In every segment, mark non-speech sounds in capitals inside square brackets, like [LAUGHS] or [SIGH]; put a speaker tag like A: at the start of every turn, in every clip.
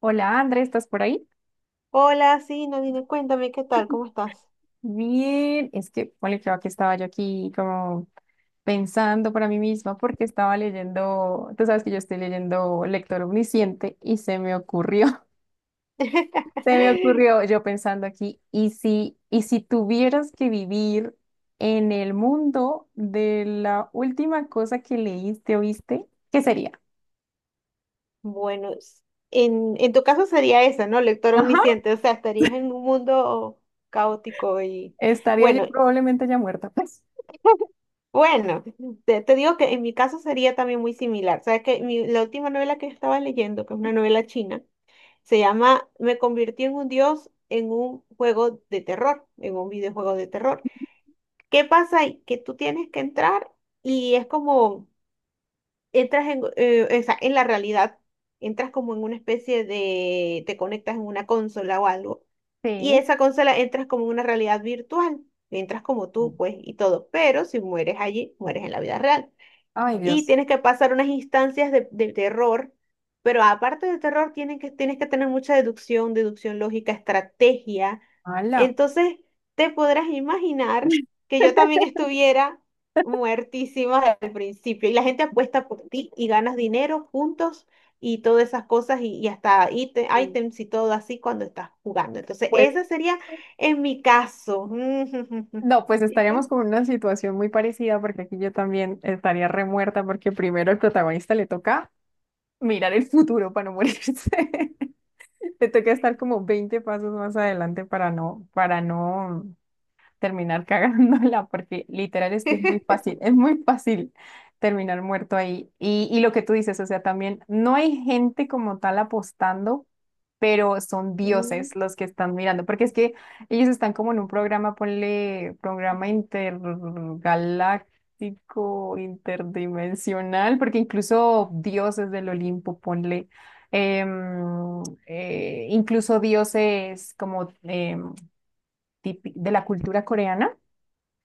A: Hola, André, ¿estás por ahí?
B: Hola, sí, Nadine, cuéntame qué tal, ¿cómo estás?
A: Bien, es que, bueno, creo que estaba yo aquí como pensando para mí misma porque estaba leyendo. Tú sabes que yo estoy leyendo Lector Omnisciente y se me ocurrió. [LAUGHS] Se me
B: [LAUGHS]
A: ocurrió yo pensando aquí: ¿y si tuvieras que vivir en el mundo de la última cosa que leíste o viste? ¿Qué sería?
B: Bueno, en tu caso sería esa, ¿no? Lectora
A: Ajá.
B: omnisciente, o sea, estarías en un mundo caótico y
A: Estaría yo
B: bueno,
A: probablemente ya muerta, pues.
B: bueno, te digo que en mi caso sería también muy similar. Sabes que mi- la última novela que estaba leyendo, que es una novela china, se llama Me convertí en un dios en un juego de terror, en un videojuego de terror. ¿Qué pasa ahí? Que tú tienes que entrar y es como entras o sea, en la realidad, entras como en una especie de, te conectas en una consola o algo, y
A: Sí.
B: esa consola entras como en una realidad virtual, entras como tú, pues, y todo, pero si mueres allí, mueres en la vida real
A: Ay,
B: y
A: Dios.
B: tienes que pasar unas instancias de terror, pero aparte de terror tienen que, tienes que tener mucha deducción, deducción lógica, estrategia.
A: Hala.
B: Entonces, te podrás imaginar que yo
A: [LAUGHS]
B: también estuviera muertísima al principio y la gente apuesta por ti y ganas dinero juntos y todas esas cosas y hasta ítem- ítems y todo así cuando estás jugando. Entonces,
A: Pues
B: ese sería en mi caso.
A: no, pues
B: [LAUGHS] ¿Y
A: estaríamos
B: tú?
A: con una situación muy parecida porque aquí yo también estaría remuerta porque primero al protagonista le toca mirar el futuro para no morirse. [LAUGHS] Le toca estar como 20 pasos más adelante para no terminar [LAUGHS] cagándola, porque literal es que es muy fácil terminar muerto ahí. Y lo que tú dices, o sea, también no hay gente como tal apostando, pero son dioses los que están mirando, porque es que ellos están como en un programa, ponle, programa intergaláctico, interdimensional, porque incluso dioses del Olimpo, ponle, incluso dioses como, de la cultura coreana.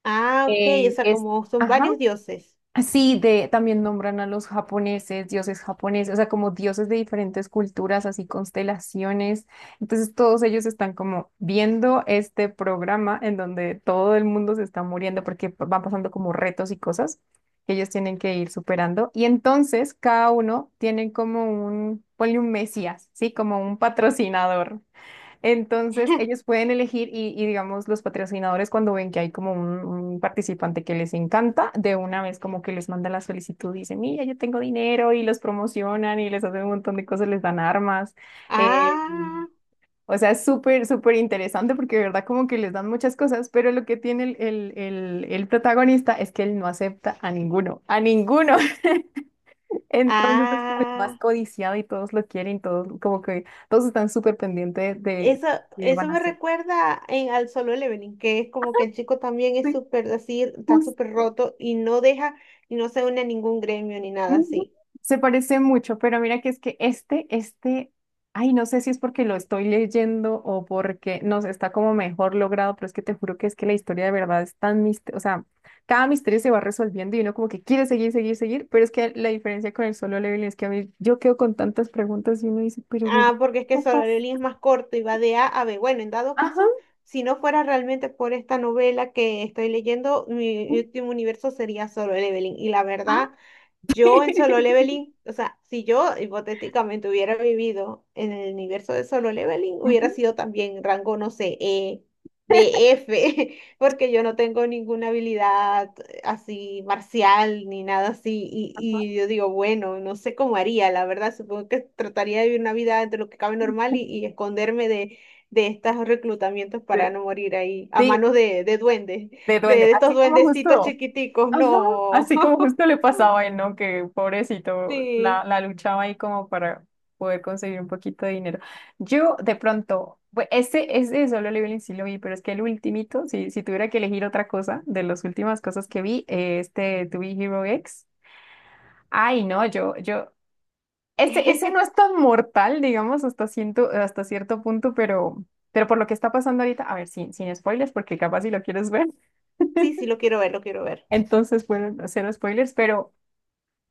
B: Ah, ok, o sea,
A: Es,
B: como son
A: ajá,
B: varios dioses.
A: sí, de, también nombran a los japoneses, dioses japoneses, o sea, como dioses de diferentes culturas, así, constelaciones. Entonces, todos ellos están como viendo este programa en donde todo el mundo se está muriendo porque van pasando como retos y cosas que ellos tienen que ir superando. Y entonces, cada uno tiene como un, ponle, un mesías, ¿sí? Como un patrocinador. Entonces, ellos
B: [LAUGHS]
A: pueden elegir y, digamos, los patrocinadores, cuando ven que hay como un participante que les encanta, de una vez como que les manda la solicitud y dicen: mira, yo tengo dinero, y los promocionan y les hacen un montón de cosas, les dan armas. eh,
B: Ah,
A: o sea, es súper, súper interesante porque de verdad como que les dan muchas cosas, pero lo que tiene el protagonista es que él no acepta a ninguno, a ninguno. [LAUGHS] Entonces, es como el más
B: ah,
A: codiciado y todos lo quieren, todos como que todos están súper pendientes de
B: eso,
A: qué
B: eso
A: van a
B: me
A: hacer.
B: recuerda al Solo Leveling, que es como que el chico también es
A: Sí,
B: súper así, está súper
A: justo.
B: roto y no deja y no se une a ningún gremio ni nada
A: Ujú.
B: así.
A: Se parece mucho, pero mira que es que este, ay, no sé si es porque lo estoy leyendo o porque, no sé, está como mejor logrado, pero es que te juro que es que la historia de verdad es tan misteriosa, o sea, cada misterio se va resolviendo y uno como que quiere seguir, seguir, seguir, pero es que la diferencia con el solo level es que a mí yo quedo con tantas preguntas y uno dice, pero ¿qué
B: Ah, porque es que Solo
A: pasa?
B: Leveling es más corto y va de A a B. Bueno, en dado
A: Ajá.
B: caso, si no fuera realmente por esta novela que estoy leyendo, mi último universo sería Solo Leveling. Y la
A: Ah.
B: verdad, yo
A: [LAUGHS]
B: en Solo Leveling, o sea, si yo hipotéticamente hubiera vivido en el universo de Solo Leveling,
A: Ujú.
B: hubiera sido también rango, no sé, E, de F, [LAUGHS] porque yo no tengo ninguna habilidad así marcial ni nada así.
A: Ajá.
B: Y yo digo, bueno, no sé cómo haría, la verdad, supongo que trataría de vivir una vida entre lo que cabe normal y esconderme de estos reclutamientos
A: Sí,
B: para no morir ahí a
A: sí,
B: manos de duendes,
A: de
B: de,
A: duende,
B: de estos
A: así como
B: duendecitos
A: justo.
B: chiquiticos,
A: Ajá,
B: no.
A: así como
B: [LAUGHS]
A: justo le pasaba a él, ¿no? Que pobrecito,
B: Sí.
A: la luchaba ahí como para poder conseguir un poquito de dinero. Yo, de pronto, ese, ese de Solo Leveling sí lo vi, pero es que el ultimito, si, si tuviera que elegir otra cosa de las últimas cosas que vi, este To Be Hero X. Ay, no, yo, ese, ese no es
B: [LAUGHS]
A: tan mortal, digamos, hasta cierto punto, pero por lo que está pasando ahorita, a ver, sin, sin spoilers, porque capaz si lo quieres ver,
B: Sí, sí, lo quiero ver, lo quiero
A: [LAUGHS]
B: ver.
A: entonces, bueno, cero spoilers. Pero.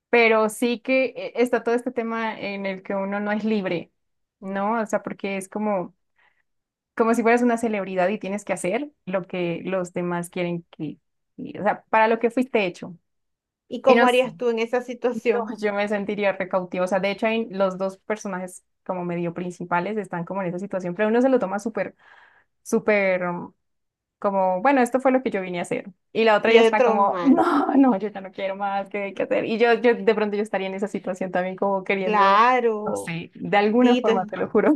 A: Pero sí que está todo este tema en el que uno no es libre, ¿no? O sea, porque es como, como si fueras una celebridad y tienes que hacer lo que los demás quieren, que, y, o sea, para lo que fuiste hecho.
B: ¿Y
A: Y no,
B: cómo harías tú en esa
A: no,
B: situación?
A: yo me sentiría recautiva. O sea, de hecho, hay los dos personajes como medio principales, están como en esa situación, pero uno se lo toma súper, súper como: bueno, esto fue lo que yo vine a hacer. Y la otra
B: Y
A: ya
B: el
A: está
B: tron
A: como: no, no, yo ya no quiero más, ¿qué hay que hacer? Y yo de pronto yo estaría en esa situación también como queriendo, no
B: Claro,
A: sé, de alguna
B: sí.
A: forma, te lo juro.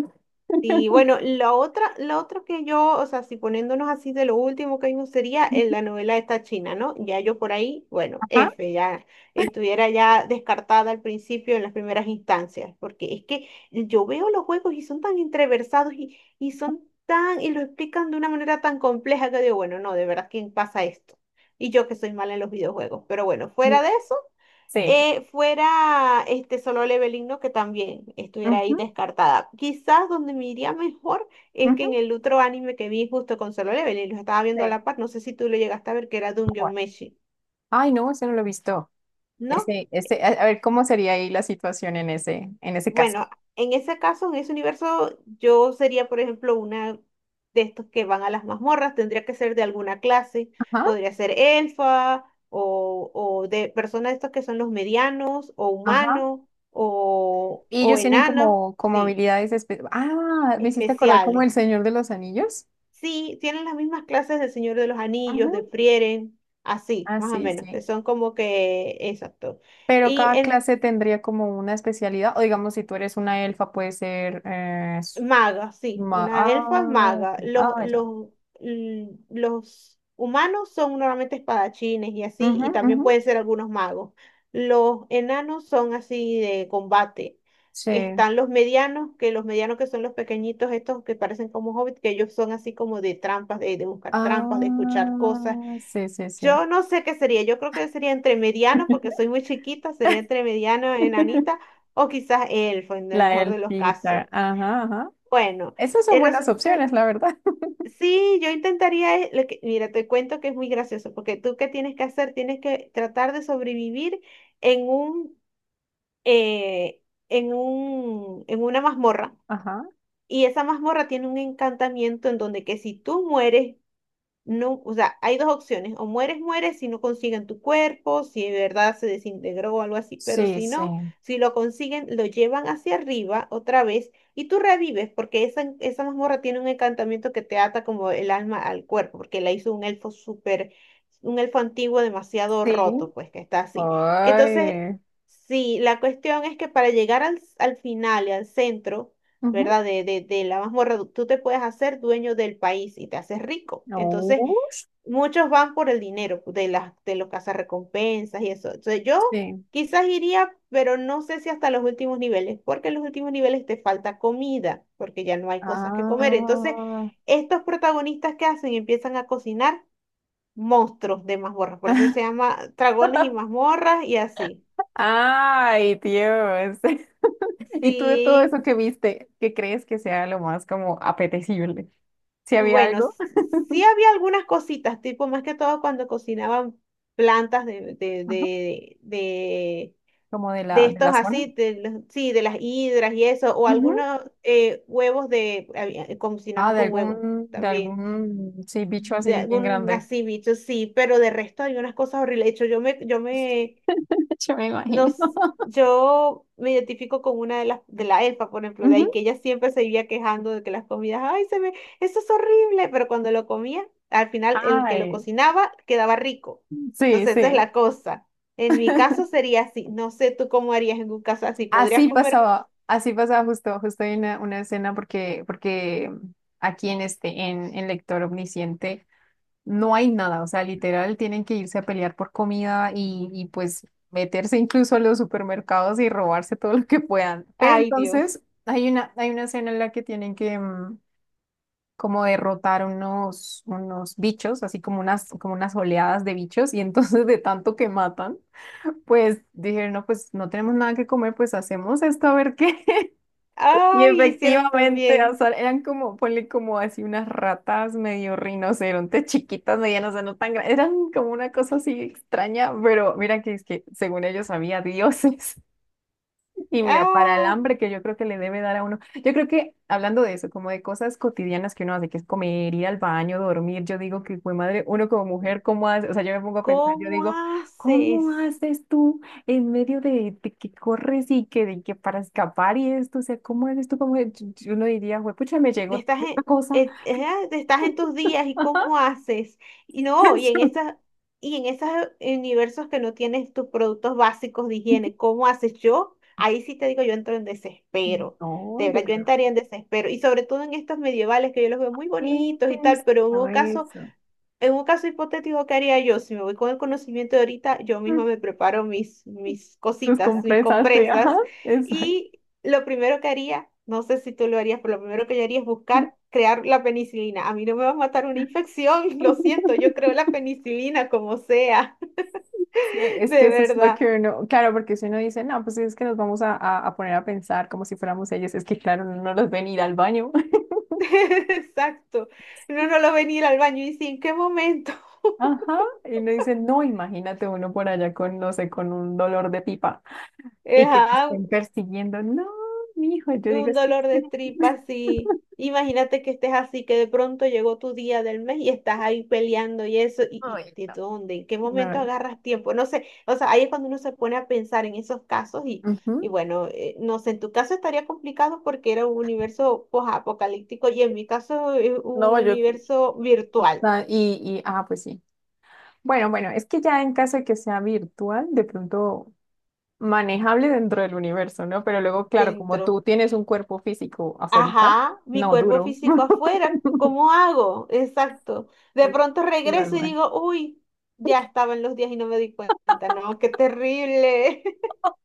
B: Y bueno, la otra que yo, o sea, si poniéndonos así de lo último que vimos sería en la novela esta china, ¿no? Ya yo por ahí, bueno,
A: Ajá.
B: F, ya estuviera ya descartada al principio en las primeras instancias, porque es que yo veo los juegos y son tan entreversados y son tan, y lo explican de una manera tan compleja que digo, bueno, no, de verdad, ¿quién pasa esto? Y yo que soy mala en los videojuegos, pero bueno,
A: Sí.
B: fuera de eso
A: Sí.
B: fuera este solo leveling, ¿no? Que también estuviera ahí
A: Ujú,
B: descartada. Quizás donde me iría mejor es que
A: ujú,
B: en el otro anime que vi justo con solo leveling, lo estaba viendo a
A: sí.
B: la par, no sé si tú lo llegaste a ver, que era Dungeon
A: Bueno.
B: Meshi,
A: Ay, no, ese no lo he visto.
B: ¿no?
A: Ese, a ver, ¿cómo sería ahí la situación en ese caso?
B: Bueno, en ese caso, en ese universo, yo sería, por ejemplo, una de estos que van a las mazmorras, tendría que ser de alguna clase,
A: Ajá,
B: podría ser elfa o de personas de estos que son los medianos o
A: ajá.
B: humanos
A: Y
B: o
A: ellos tienen
B: enanos.
A: como, como
B: Sí,
A: habilidades ah, me hiciste acordar como el
B: especiales.
A: Señor de los Anillos.
B: Sí, tienen las mismas clases del Señor de los
A: Ajá.
B: Anillos, de Frieren, así,
A: Ah,
B: más o
A: sí,
B: menos,
A: sí.
B: que son como que, exacto.
A: Pero
B: Y
A: cada
B: en
A: clase tendría como una especialidad, o digamos, si tú eres una elfa, puede ser,
B: maga, sí, una
A: ah,
B: elfa es
A: ok,
B: maga. Los,
A: ah, ya.
B: los, l- los humanos son normalmente espadachines y así,
A: Ujú,
B: y también
A: ujú,
B: pueden ser algunos magos. Los enanos son así de combate.
A: sí.
B: Están los medianos que son los pequeñitos, estos que parecen como hobbits, que ellos son así como de trampas, de buscar trampas, de escuchar cosas.
A: Ah, sí, sí, sí.
B: Yo no sé qué sería, yo creo que sería entre mediano, porque soy muy chiquita, sería entre mediano,
A: [LAUGHS]
B: enanita, o quizás elfo, en el
A: La
B: mejor de los casos.
A: elfita. Ajá, ajá.
B: Bueno,
A: Esas son
B: eh,
A: buenas
B: resulta-
A: opciones, la verdad. [LAUGHS]
B: sí, yo intentaría, lo que- mira, te cuento que es muy gracioso, porque tú qué tienes que hacer, tienes que tratar de sobrevivir en un, eh, en una mazmorra.
A: Ajá.
B: Y esa mazmorra tiene un encantamiento en donde que si tú mueres, no, o sea, hay dos opciones, o mueres, mueres si no consiguen tu cuerpo, si de verdad se desintegró o algo así, pero
A: Sí,
B: si
A: sí.
B: no, si lo consiguen, lo llevan hacia arriba otra vez y tú revives, porque esa mazmorra tiene un encantamiento que te ata como el alma al cuerpo, porque la hizo un elfo súper, un elfo antiguo demasiado
A: Sí.
B: roto, pues que está así. Entonces,
A: Ay.
B: sí, la cuestión es que para llegar al, al final y al centro,
A: Ujú.
B: ¿verdad? De la mazmorra, tú te puedes hacer dueño del país y te haces rico. Entonces,
A: Ush.
B: muchos van por el dinero de las de los cazarrecompensas y eso. Entonces, yo
A: Sí.
B: quizás iría, pero no sé si hasta los últimos niveles, porque en los últimos niveles te falta comida, porque ya no hay cosas que comer. Entonces,
A: Ah.
B: estos protagonistas que hacen empiezan a cocinar monstruos de mazmorras, por eso se llama dragones y
A: [LAUGHS]
B: mazmorras y así.
A: Ay, Dios. [LAUGHS] Y tú, de todo
B: Sí,
A: eso que viste, ¿qué crees que sea lo más como apetecible? Si había
B: bueno,
A: algo,
B: sí había algunas cositas, tipo más que todo cuando cocinaban plantas de, de,
A: ajá,
B: de, de
A: como
B: de
A: de
B: estos
A: la zona.
B: así, de los- sí, de las hidras y eso, o
A: Ujú.
B: algunos huevos de, había-
A: Ah,
B: cocinaban
A: de
B: con huevos
A: algún,
B: también,
A: sí, bicho
B: de
A: así bien
B: algún
A: grande.
B: así bicho, sí, pero de resto hay unas cosas horribles. De hecho, yo me
A: [LAUGHS] Yo me imagino.
B: nos, yo me identifico con una de las, de la elfa, por ejemplo, de
A: Ujú.
B: ahí que ella siempre se vivía quejando de que las comidas, ay, se me, eso es horrible, pero cuando lo comía, al final el que lo
A: Ay,
B: cocinaba quedaba rico.
A: sí,
B: Entonces, esa es
A: sí.
B: la cosa. En mi caso sería así. No sé tú cómo harías en un caso así. ¿Podrías
A: Así
B: comer?
A: pasaba, así pasaba, justo, justo hay una escena porque, porque aquí en Lector Omnisciente no hay nada. O sea, literal, tienen que irse a pelear por comida y pues meterse incluso a los supermercados y robarse todo lo que puedan. Pero
B: Ay, Dios.
A: entonces hay una escena en la que tienen que como derrotar unos, unos bichos, así como como unas oleadas de bichos, y entonces, de tanto que matan, pues dijeron: no, pues no tenemos nada que comer, pues hacemos esto, a ver qué. Y
B: Ay, hicieron
A: efectivamente, o
B: también.
A: sea, eran como, ponle, como así unas ratas medio rinocerontes, chiquitas, medianas, o sea, no tan grandes, eran como una cosa así extraña, pero mira que es que según ellos había dioses. Y mira, para el
B: Ah,
A: hambre que yo creo que le debe dar a uno, yo creo que, hablando de eso, como de cosas cotidianas que uno hace, que es comer, ir al baño, dormir, yo digo que, pues madre, uno como mujer, ¿cómo hace? O sea, yo me pongo a pensar, yo
B: ¿cómo
A: digo: ¿cómo
B: haces?
A: haces tú en medio de que corres y que, de que para escapar y esto? O sea, ¿cómo haces tú como mujer? Uno diría: pucha, me llegó
B: Estás en,
A: esta cosa.
B: estás en tus días y cómo haces. Y
A: [LAUGHS]
B: no, y en
A: Eso.
B: esas, y en esos universos que no tienes tus productos básicos de higiene, ¿cómo haces yo? Ahí sí te digo, yo entro en desespero.
A: No,
B: De
A: yo
B: verdad, yo
A: creo
B: entraría en desespero. Y sobre todo en estos medievales que yo los veo muy
A: que
B: bonitos y tal,
A: eso,
B: pero
A: eso.
B: en un caso hipotético, ¿qué haría yo? Si me voy con el conocimiento de ahorita, yo
A: Mm,
B: misma me preparo mis, mis
A: tus
B: cositas, mis
A: compresas, sí, ajá,
B: compresas.
A: exacto.
B: Y lo primero que haría, no sé si tú lo harías, pero lo primero que yo haría es buscar crear la penicilina. A mí no me va a matar una infección, [LAUGHS] lo
A: [LAUGHS]
B: siento, yo creo la penicilina como sea,
A: Sí,
B: [LAUGHS]
A: es que
B: de
A: eso es lo
B: verdad.
A: que uno, claro, porque si uno dice: no, pues es que nos vamos a, a poner a pensar como si fuéramos ellos, es que claro, uno no los ven ir al baño. [LAUGHS]
B: [LAUGHS] Exacto. No, no lo venir al baño y dice, ¿en qué momento? [LAUGHS]
A: Ajá, y uno dice: no, imagínate uno por allá con, no sé, con un dolor de pipa y que te
B: Ajá,
A: estén persiguiendo. No, mijo, yo digo:
B: un
A: espera,
B: dolor de
A: espera.
B: tripa así. Imagínate que estés así, que de pronto llegó tu día del mes y estás ahí peleando y eso,
A: Ay,
B: y ¿de dónde? ¿En qué
A: no.
B: momento
A: No,
B: agarras tiempo? No sé, o sea, ahí es cuando uno se pone a pensar en esos casos y
A: ujú.
B: bueno, no sé, en tu caso estaría complicado porque era un universo posapocalíptico y en mi caso es un
A: No, yo,
B: universo virtual
A: ah, ah, pues sí. Bueno, bueno, es que ya en caso de que sea virtual, de pronto manejable dentro del universo, ¿no? Pero luego, claro, como
B: dentro.
A: tú tienes un cuerpo físico afuerita,
B: Ajá, mi
A: no,
B: cuerpo
A: duro.
B: físico
A: [LAUGHS]
B: afuera, ¿cómo hago? Exacto. De
A: Es-
B: pronto
A: es
B: regreso y digo, uy, ya estaba en los días y no me di cuenta. No, qué terrible.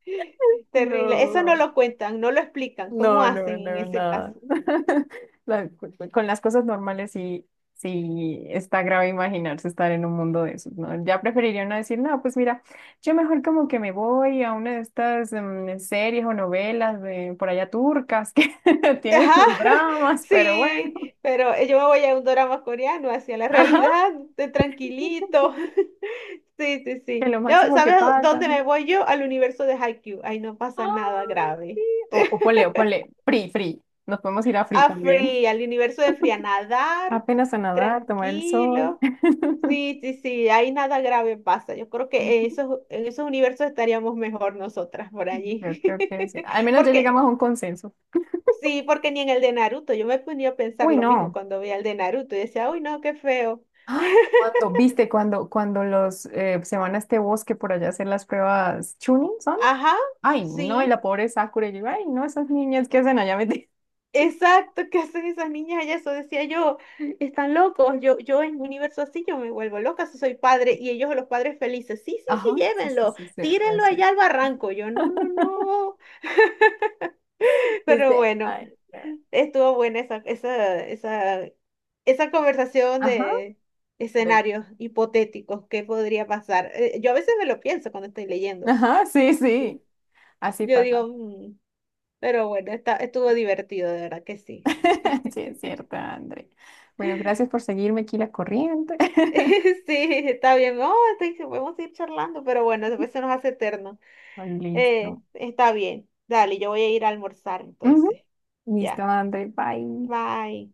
B: [LAUGHS] Terrible. Eso no
A: no,
B: lo cuentan, no lo explican. ¿Cómo
A: no, no,
B: hacen en
A: no,
B: ese
A: nada.
B: caso?
A: [LAUGHS] La- con las cosas normales, sí, sí está grave imaginarse estar en un mundo de esos, ¿no? Ya preferiría no decir, no, pues mira, yo mejor como que me voy a una de estas series o novelas de por allá turcas que [LAUGHS] tienen
B: Ajá,
A: sus
B: [LAUGHS]
A: dramas, pero
B: sí,
A: bueno.
B: pero yo me voy a un drama coreano hacia la
A: [LAUGHS] Ajá,
B: realidad, de tranquilito. [LAUGHS] Sí, sí,
A: que
B: sí.
A: lo
B: Yo,
A: máximo que
B: ¿sabes
A: pasa,
B: dónde me
A: ¿no?
B: voy yo? Al universo de Haikyuu. Ahí no pasa nada
A: Ay,
B: grave.
A: O ponle, free, free. Nos podemos ir a free
B: A
A: también.
B: Free, al universo de Free, a nadar,
A: Apenas a nadar, tomar el sol.
B: tranquilo.
A: [LAUGHS]
B: Sí, sí, sí, ahí nada grave pasa. Yo creo que
A: Ujú,
B: en esos universos estaríamos mejor nosotras por
A: yo
B: allí.
A: creo que sí. Al
B: [LAUGHS]
A: menos ya llegamos
B: Porque,
A: a un consenso.
B: sí, porque ni en el de Naruto, yo me ponía a pensar
A: Uy,
B: lo mismo
A: no.
B: cuando veía el de Naruto y decía, uy, no, qué feo.
A: Ay, cuando, viste, cuando los se van a este bosque por allá a hacer las pruebas Chunin, ¿son?
B: Ajá,
A: Ay, no, y
B: sí.
A: la pobre Sakura, y yo, ay, no, esas niñas que hacen allá metidas.
B: Exacto, ¿qué hacen esas niñas allá? Eso decía yo, están locos, yo en un universo así yo me vuelvo loca si soy padre y ellos los padres felices, sí,
A: [LAUGHS]
B: sí,
A: Ajá,
B: sí,
A: sí, sí,
B: llévenlo,
A: sí, sí,
B: tírenlo
A: eso.
B: allá al barranco, yo no, no,
A: [LAUGHS]
B: no, [LAUGHS] pero
A: Viste,
B: bueno,
A: ay, no.
B: estuvo buena esa conversación
A: Ajá,
B: de
A: de-
B: escenarios hipotéticos, ¿qué podría pasar? Yo a veces me lo pienso cuando estoy leyendo,
A: ajá, sí,
B: yo,
A: sí, así
B: yo
A: pasa.
B: digo, "Mm", pero bueno, estuvo divertido, de verdad que sí.
A: [LAUGHS] Sí, es cierto, André. Bueno, gracias por seguirme aquí la corriente. [LAUGHS]
B: [LAUGHS] Sí, está bien. Podemos ir charlando, pero bueno, después se nos hace eterno.
A: Listo.
B: Está bien. Dale, yo voy a ir a almorzar
A: Ujú.
B: entonces.
A: Listo,
B: Ya.
A: André. Bye.
B: Bye.